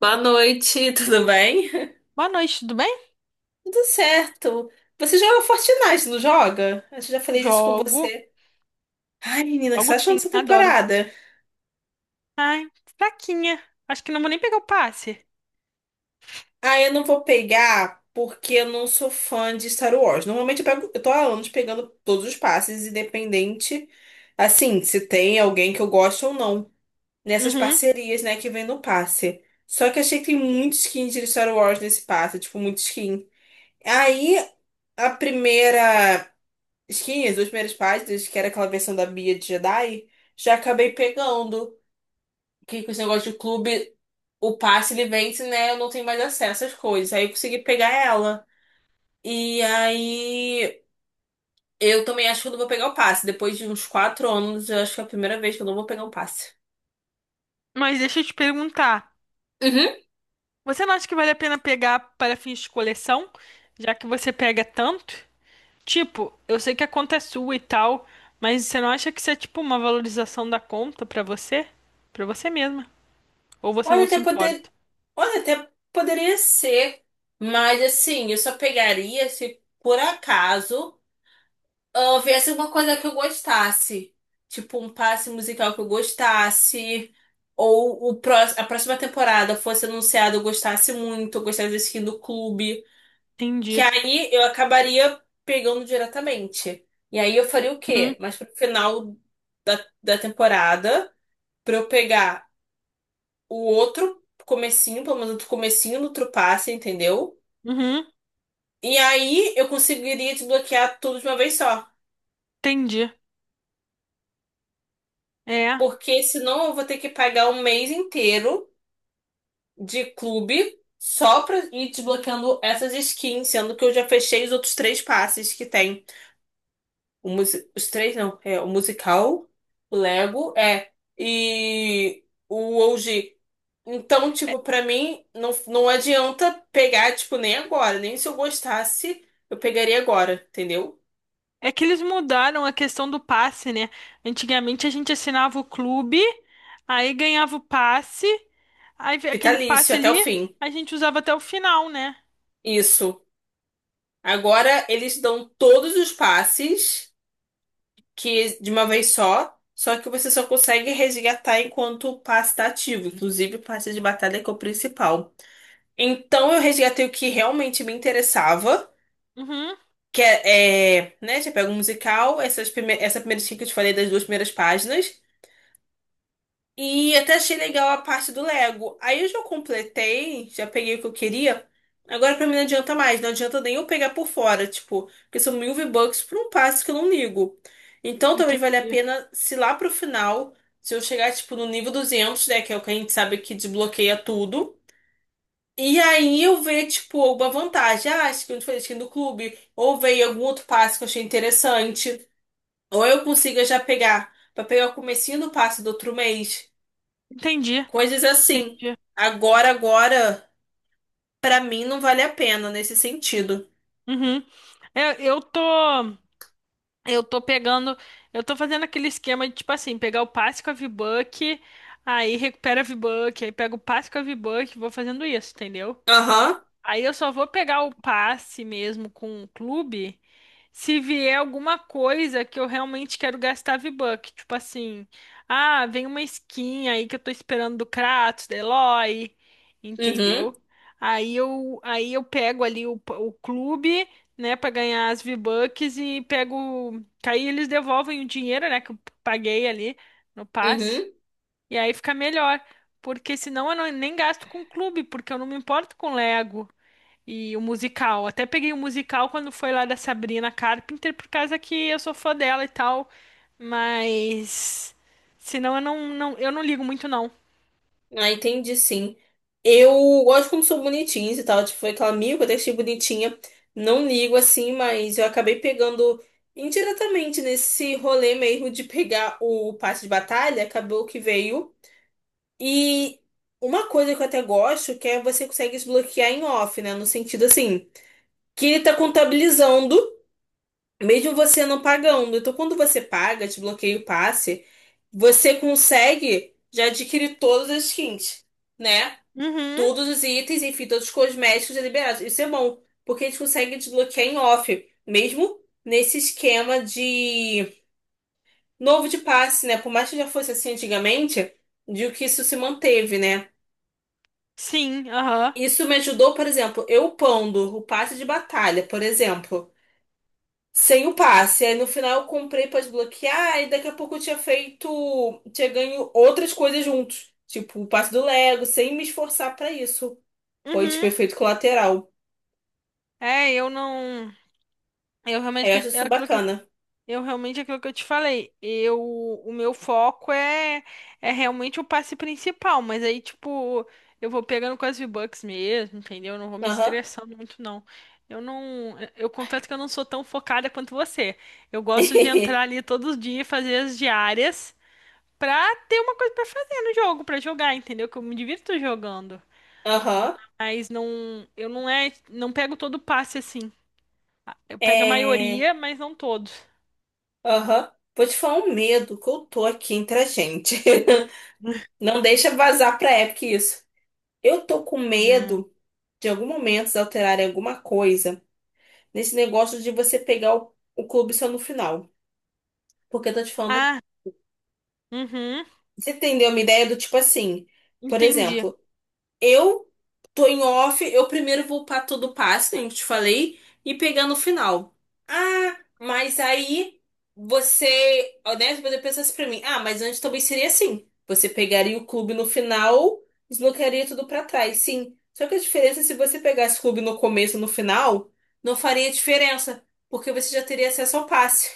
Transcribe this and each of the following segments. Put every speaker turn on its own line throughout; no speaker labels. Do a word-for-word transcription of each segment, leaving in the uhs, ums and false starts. Boa noite, tudo bem?
Boa noite, tudo bem?
Tudo certo. Você joga Fortnite, não joga? Eu já falei disso com
Jogo,
você. Ai, menina, o que você
jogo
tá achando
sim,
dessa
adoro.
temporada?
Ai, fraquinha. Acho que não vou nem pegar o passe.
Ah, eu não vou pegar porque eu não sou fã de Star Wars. Normalmente eu pego, eu tô há anos pegando todos os passes, independente, assim, se tem alguém que eu gosto ou não. Nessas
Uhum.
parcerias, né, que vem no passe. Só que achei que tem muito skin de Star Wars nesse passe, tipo, muito skin. Aí, a primeira. Skin, as duas primeiras páginas, que era aquela versão da Bia de Jedi, já acabei pegando. Que com esse negócio de clube, o passe ele vence, né? Eu não tenho mais acesso às coisas. Aí eu consegui pegar ela. E aí eu também acho que eu não vou pegar o passe. Depois de uns quatro anos, eu acho que é a primeira vez que eu não vou pegar um passe.
Mas deixa eu te perguntar.
Uhum.
Você não acha que vale a pena pegar para fins de coleção, já que você pega tanto? Tipo, eu sei que a conta é sua e tal, mas você não acha que isso é tipo uma valorização da conta pra você? Pra você mesma? Ou você
Olha,
não
até
se importa?
poder... Olha, até poderia ser. Mas assim, eu só pegaria se por acaso. Ah, viesse uma coisa que eu gostasse. Tipo, um passe musical que eu gostasse. Ou o pró a próxima temporada fosse anunciada, eu gostasse muito, eu gostasse da skin do clube. Que
Entendi.
aí eu acabaria pegando diretamente. E aí eu faria o
Uhum.
quê? Mas pro final da, da temporada, pra eu pegar o outro comecinho, pelo menos outro comecinho no outro passe, entendeu?
Uhum.
E aí eu conseguiria desbloquear tudo de uma vez só.
Entendi. É. É,
Porque senão eu vou ter que pagar um mês inteiro de clube só pra ir desbloqueando essas skins, sendo que eu já fechei os outros três passes que tem. O musi- os três não, é o musical, o Lego, é, e o OG. Então, tipo, pra mim, não, não adianta pegar, tipo, nem agora. Nem se eu gostasse, eu pegaria agora, entendeu?
É que eles mudaram a questão do passe, né? Antigamente a gente assinava o clube, aí ganhava o passe, aí ve- aquele
Vitalício
passe
até o
ali
fim.
a gente usava até o final, né?
Isso. Agora eles dão todos os passes, que de uma vez só, só que você só consegue resgatar enquanto o passe tá ativo. Inclusive, o passe de batalha que é o principal. Então, eu resgatei o que realmente me interessava,
Uhum,
que é, é, né, já pego o musical, essas prime- essa primeira skin que eu te falei das duas primeiras páginas. E até achei legal a parte do Lego. Aí eu já completei, já peguei o que eu queria. Agora pra mim não adianta mais, não adianta nem eu pegar por fora, tipo, porque são mil V-Bucks por um passo que eu não ligo. Então talvez valha a
entendi.
pena se lá pro final, se eu chegar, tipo, no nível duzentos, né, que é o que a gente sabe que desbloqueia tudo. E aí eu ver, tipo, alguma vantagem. Ah, acho que eu falei, skin do clube. Ou veio algum outro passo que eu achei interessante. Ou eu consiga já pegar, pra pegar o comecinho do passo do outro mês.
Entendi,
Coisas assim.
entendi.
Agora, agora, pra mim não vale a pena nesse sentido.
Uhum. É, Eu, tô, eu tô pegando, eu tô fazendo aquele esquema de tipo assim, pegar o passe com a V-Buck, aí recupera a V-Buck, aí pega o passe com a V-Buck, vou fazendo isso, entendeu?
Aham,
Aí eu só vou pegar o passe mesmo com o clube se vier alguma coisa que eu realmente quero gastar V-Buck. Tipo assim, ah, vem uma skin aí que eu tô esperando do Kratos, da Eloy,
uhum,
entendeu? Aí eu, aí eu pego ali o, p- o clube, né, pra ganhar as V-Bucks e pego. Que Aí eles devolvem o dinheiro, né, que eu paguei ali no passe.
uhum.
E aí fica melhor. Porque senão eu não- nem gasto com o clube, porque eu não me importo com Lego. E o musical. Até peguei o musical quando foi lá da Sabrina Carpenter, por causa que eu sou fã dela e tal. Mas. Senão eu não, não, eu não ligo muito, não.
Ah, entendi, sim. Eu gosto como sou bonitinha e tal. Tipo, foi aquela amiga que eu deixei bonitinha. Não ligo assim, mas eu acabei pegando indiretamente nesse rolê mesmo de pegar o passe de batalha. Acabou que veio. E uma coisa que eu até gosto que é você consegue desbloquear em off, né? No sentido assim, que ele tá contabilizando. Mesmo você não pagando. Então, quando você paga, te bloqueia o passe, você consegue já adquirir todas as skins, né?
Uhum.
Todos os itens, enfim, todos os cosméticos já liberados. Isso é bom, porque a gente consegue desbloquear em off, mesmo nesse esquema de novo de passe, né? Por mais que já fosse assim antigamente, de que isso se manteve, né?
Sim, aham.
Isso me ajudou, por exemplo, eu upando o passe de batalha, por exemplo, sem o passe. Aí no final eu comprei pra desbloquear e daqui a pouco eu tinha feito, tinha ganho outras coisas juntos. Tipo, o passe do Lego, sem me esforçar pra isso. Foi, tipo,
Uhum.
efeito colateral.
É, eu não. Eu
Aí eu
realmente.
acho
É
isso
aquilo que
bacana.
Eu realmente aquilo que eu te falei, eu o meu foco é é realmente o passe principal, mas aí tipo, eu vou pegando com as V-Bucks mesmo, entendeu? Eu não vou me
Aham.
estressando muito não. Eu não, eu confesso que eu não sou tão focada quanto você. Eu gosto de entrar ali todos os dias, fazer as diárias pra ter uma coisa pra fazer no jogo, pra jogar, entendeu? Que eu me divirto jogando.
Aham.
Mas não, eu não é, não pego todo o passe assim. Eu pego a
É.
maioria, mas não todos,
Aham. Vou te falar um medo que eu tô aqui entre a gente. Não deixa vazar pra Epic isso. Eu tô com
né?
medo de em algum momento eles alterarem alguma coisa nesse negócio de você pegar o, o clube só no final. Porque eu tô te falando.
Ah, uhum.
Você entendeu uma ideia do tipo assim, por
Entendi.
exemplo, eu tô em off, eu primeiro vou pra todo passo, como eu te falei, e pegar no final. Ah, mas aí você, né, você pensasse pra mim, ah, mas antes também seria assim. Você pegaria o clube no final, desbloquearia tudo pra trás, sim. Só que a diferença é se você pegasse o clube no começo e no final, não faria diferença, porque você já teria acesso ao passe.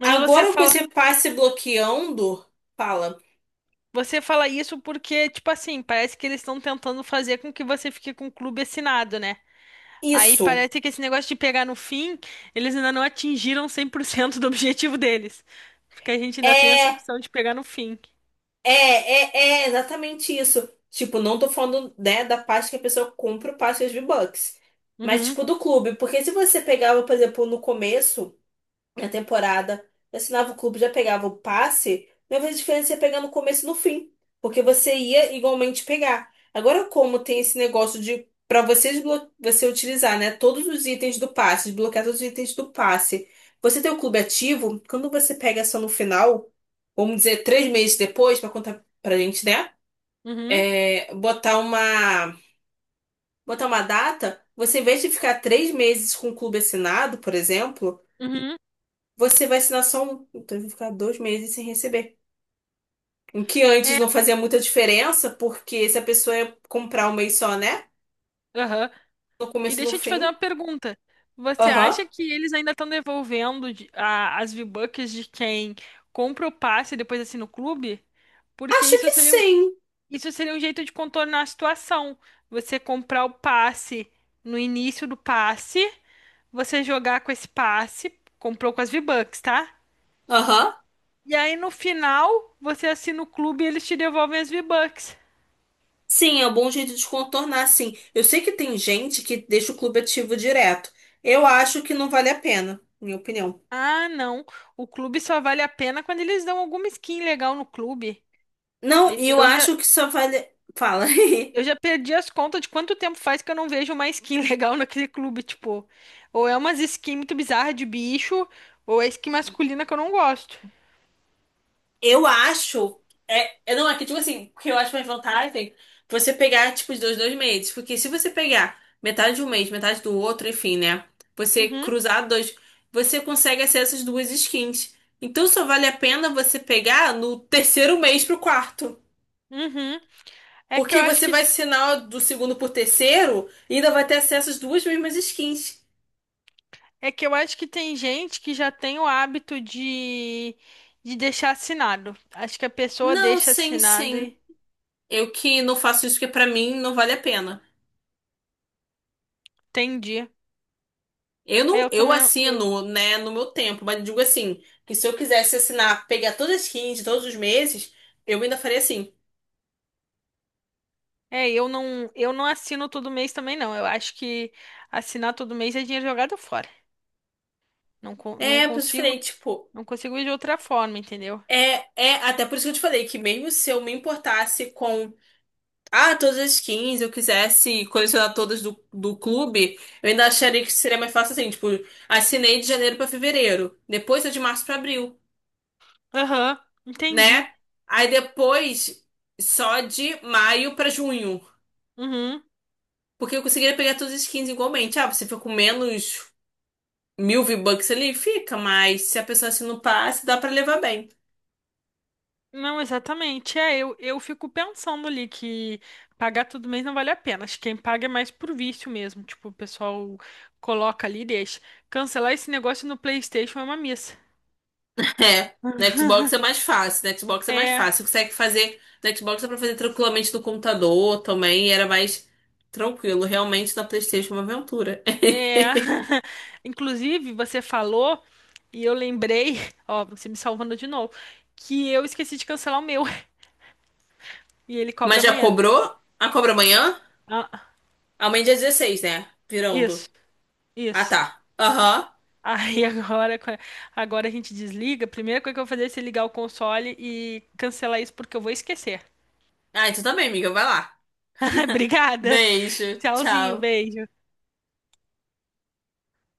Mas você
Agora com
fala,
esse passe bloqueando, fala,
você fala isso porque, tipo assim, parece que eles estão tentando fazer com que você fique com o clube assinado, né? Aí
isso.
parece que esse negócio de pegar no fim, eles ainda não atingiram cem por cento do objetivo deles. Porque a gente ainda tem essa
É,
opção de pegar no fim.
é, é, é exatamente isso. Tipo, não tô falando, né, da parte que a pessoa compra o passe de V-Bucks. Mas,
Uhum,
tipo, do clube. Porque se você pegava, por exemplo, no começo na temporada. Eu assinava o clube, já pegava o passe. Mas a diferença é pegar no começo e no fim. Porque você ia igualmente pegar. Agora, como tem esse negócio de para você, desblo- você utilizar, né, todos os itens do passe, desbloquear todos os itens do passe. Você tem o clube ativo, quando você pega só no final, vamos dizer, três meses depois, para contar pra gente, né?
uhum,
É, botar uma, botar uma data, você em vez de ficar três meses com o clube assinado, por exemplo.
uhum.
Você vai assinar só um. Então, eu vou ficar dois meses sem receber. O que antes
É,
não fazia muita diferença, porque se a pessoa ia comprar um mês só, né?
aham.
No
E
começo e no
deixa eu te fazer uma
fim.
pergunta. Você
Aham.
acha que eles ainda estão devolvendo de- a- as V-Bucks de quem compra o passe e depois assina o clube? Porque
Acho
isso
que
seria
sim.
Isso seria um jeito de contornar a situação. Você comprar o passe no início do passe, você jogar com esse passe, comprou com as V-Bucks, tá?
Aham.
E aí no final, você assina o clube e eles te devolvem as V-Bucks.
Sim, é um bom jeito de contornar, sim. Eu sei que tem gente que deixa o clube ativo direto. Eu acho que não vale a pena, minha opinião.
Ah, não. O clube só vale a pena quando eles dão alguma skin legal no clube.
Não,
E-
e eu
Eu já,
acho que só vale. Fala.
eu já perdi as contas de quanto tempo faz que eu não vejo uma skin legal naquele clube, tipo. Ou é umas skins muito bizarras de bicho, ou é skin masculina que eu não gosto.
Eu acho. É, é, não, é que, tipo assim, porque eu acho mais vantagem você pegar, tipo, os dois, dois meses. Porque se você pegar metade de um mês, metade do outro, enfim, né? Você
Uhum.
cruzar dois, você consegue acesso às duas skins. Então só vale a pena você pegar no terceiro mês pro quarto.
Uhum. É que eu
Porque
acho
você
que
vai assinar do segundo pro terceiro e ainda vai ter acesso às duas mesmas skins.
é que eu acho que tem gente que já tem o hábito de de deixar assinado. Acho que a pessoa
Não,
deixa
sim,
assinado
sim.
e
Eu que não faço isso porque pra mim não vale a pena.
entendi.
Eu
É,
não,
Eu
eu
também não, eu
assino, né, no meu tempo, mas digo assim, que se eu quisesse assinar, pegar todas as skins de todos os meses, eu ainda faria assim.
é, eu não eu não assino todo mês também não. Eu acho que assinar todo mês é dinheiro jogado fora. Não con- não
É, por
consigo,
diferente, tipo,
não consigo ir de outra forma, entendeu?
é, é, até por isso que eu te falei que mesmo se eu me importasse com, ah, todas as skins eu quisesse colecionar todas do, do clube, eu ainda acharia que seria mais fácil assim, tipo, assinei de janeiro pra fevereiro, depois é de março pra abril,
Aham, entendi.
né? Aí depois só de maio pra junho.
Uhum.
Porque eu conseguiria pegar todas as skins igualmente. Ah, você fica com menos mil V-Bucks ali? Fica, mas se a pessoa assina o passe, dá pra levar bem.
Não, exatamente. É, eu, eu fico pensando ali que pagar todo mês não vale a pena. Acho que quem paga é mais por vício mesmo. Tipo, o pessoal coloca ali e deixa. Cancelar esse negócio no PlayStation é uma missa.
É, no Xbox é mais fácil, no Xbox é mais
É,
fácil. Você consegue fazer, no Xbox dá pra fazer tranquilamente no computador também, e era mais tranquilo. Realmente na PlayStation é uma aventura.
é. Inclusive, você falou e eu lembrei, ó, você me salvando de novo, que eu esqueci de cancelar o meu e ele cobra
Mas já
amanhã.
cobrou? Ah, cobra amanhã?
Ah,
Amanhã é dia dezesseis, né?
isso,
Virando. Ah,
isso.
tá. Aham.
Aí agora, agora a gente desliga. A primeira coisa que eu vou fazer é se ligar o console e cancelar isso porque eu vou esquecer.
Ah, então também, amiga, vai lá.
Obrigada.
Beijo,
Tchauzinho,
tchau.
beijo.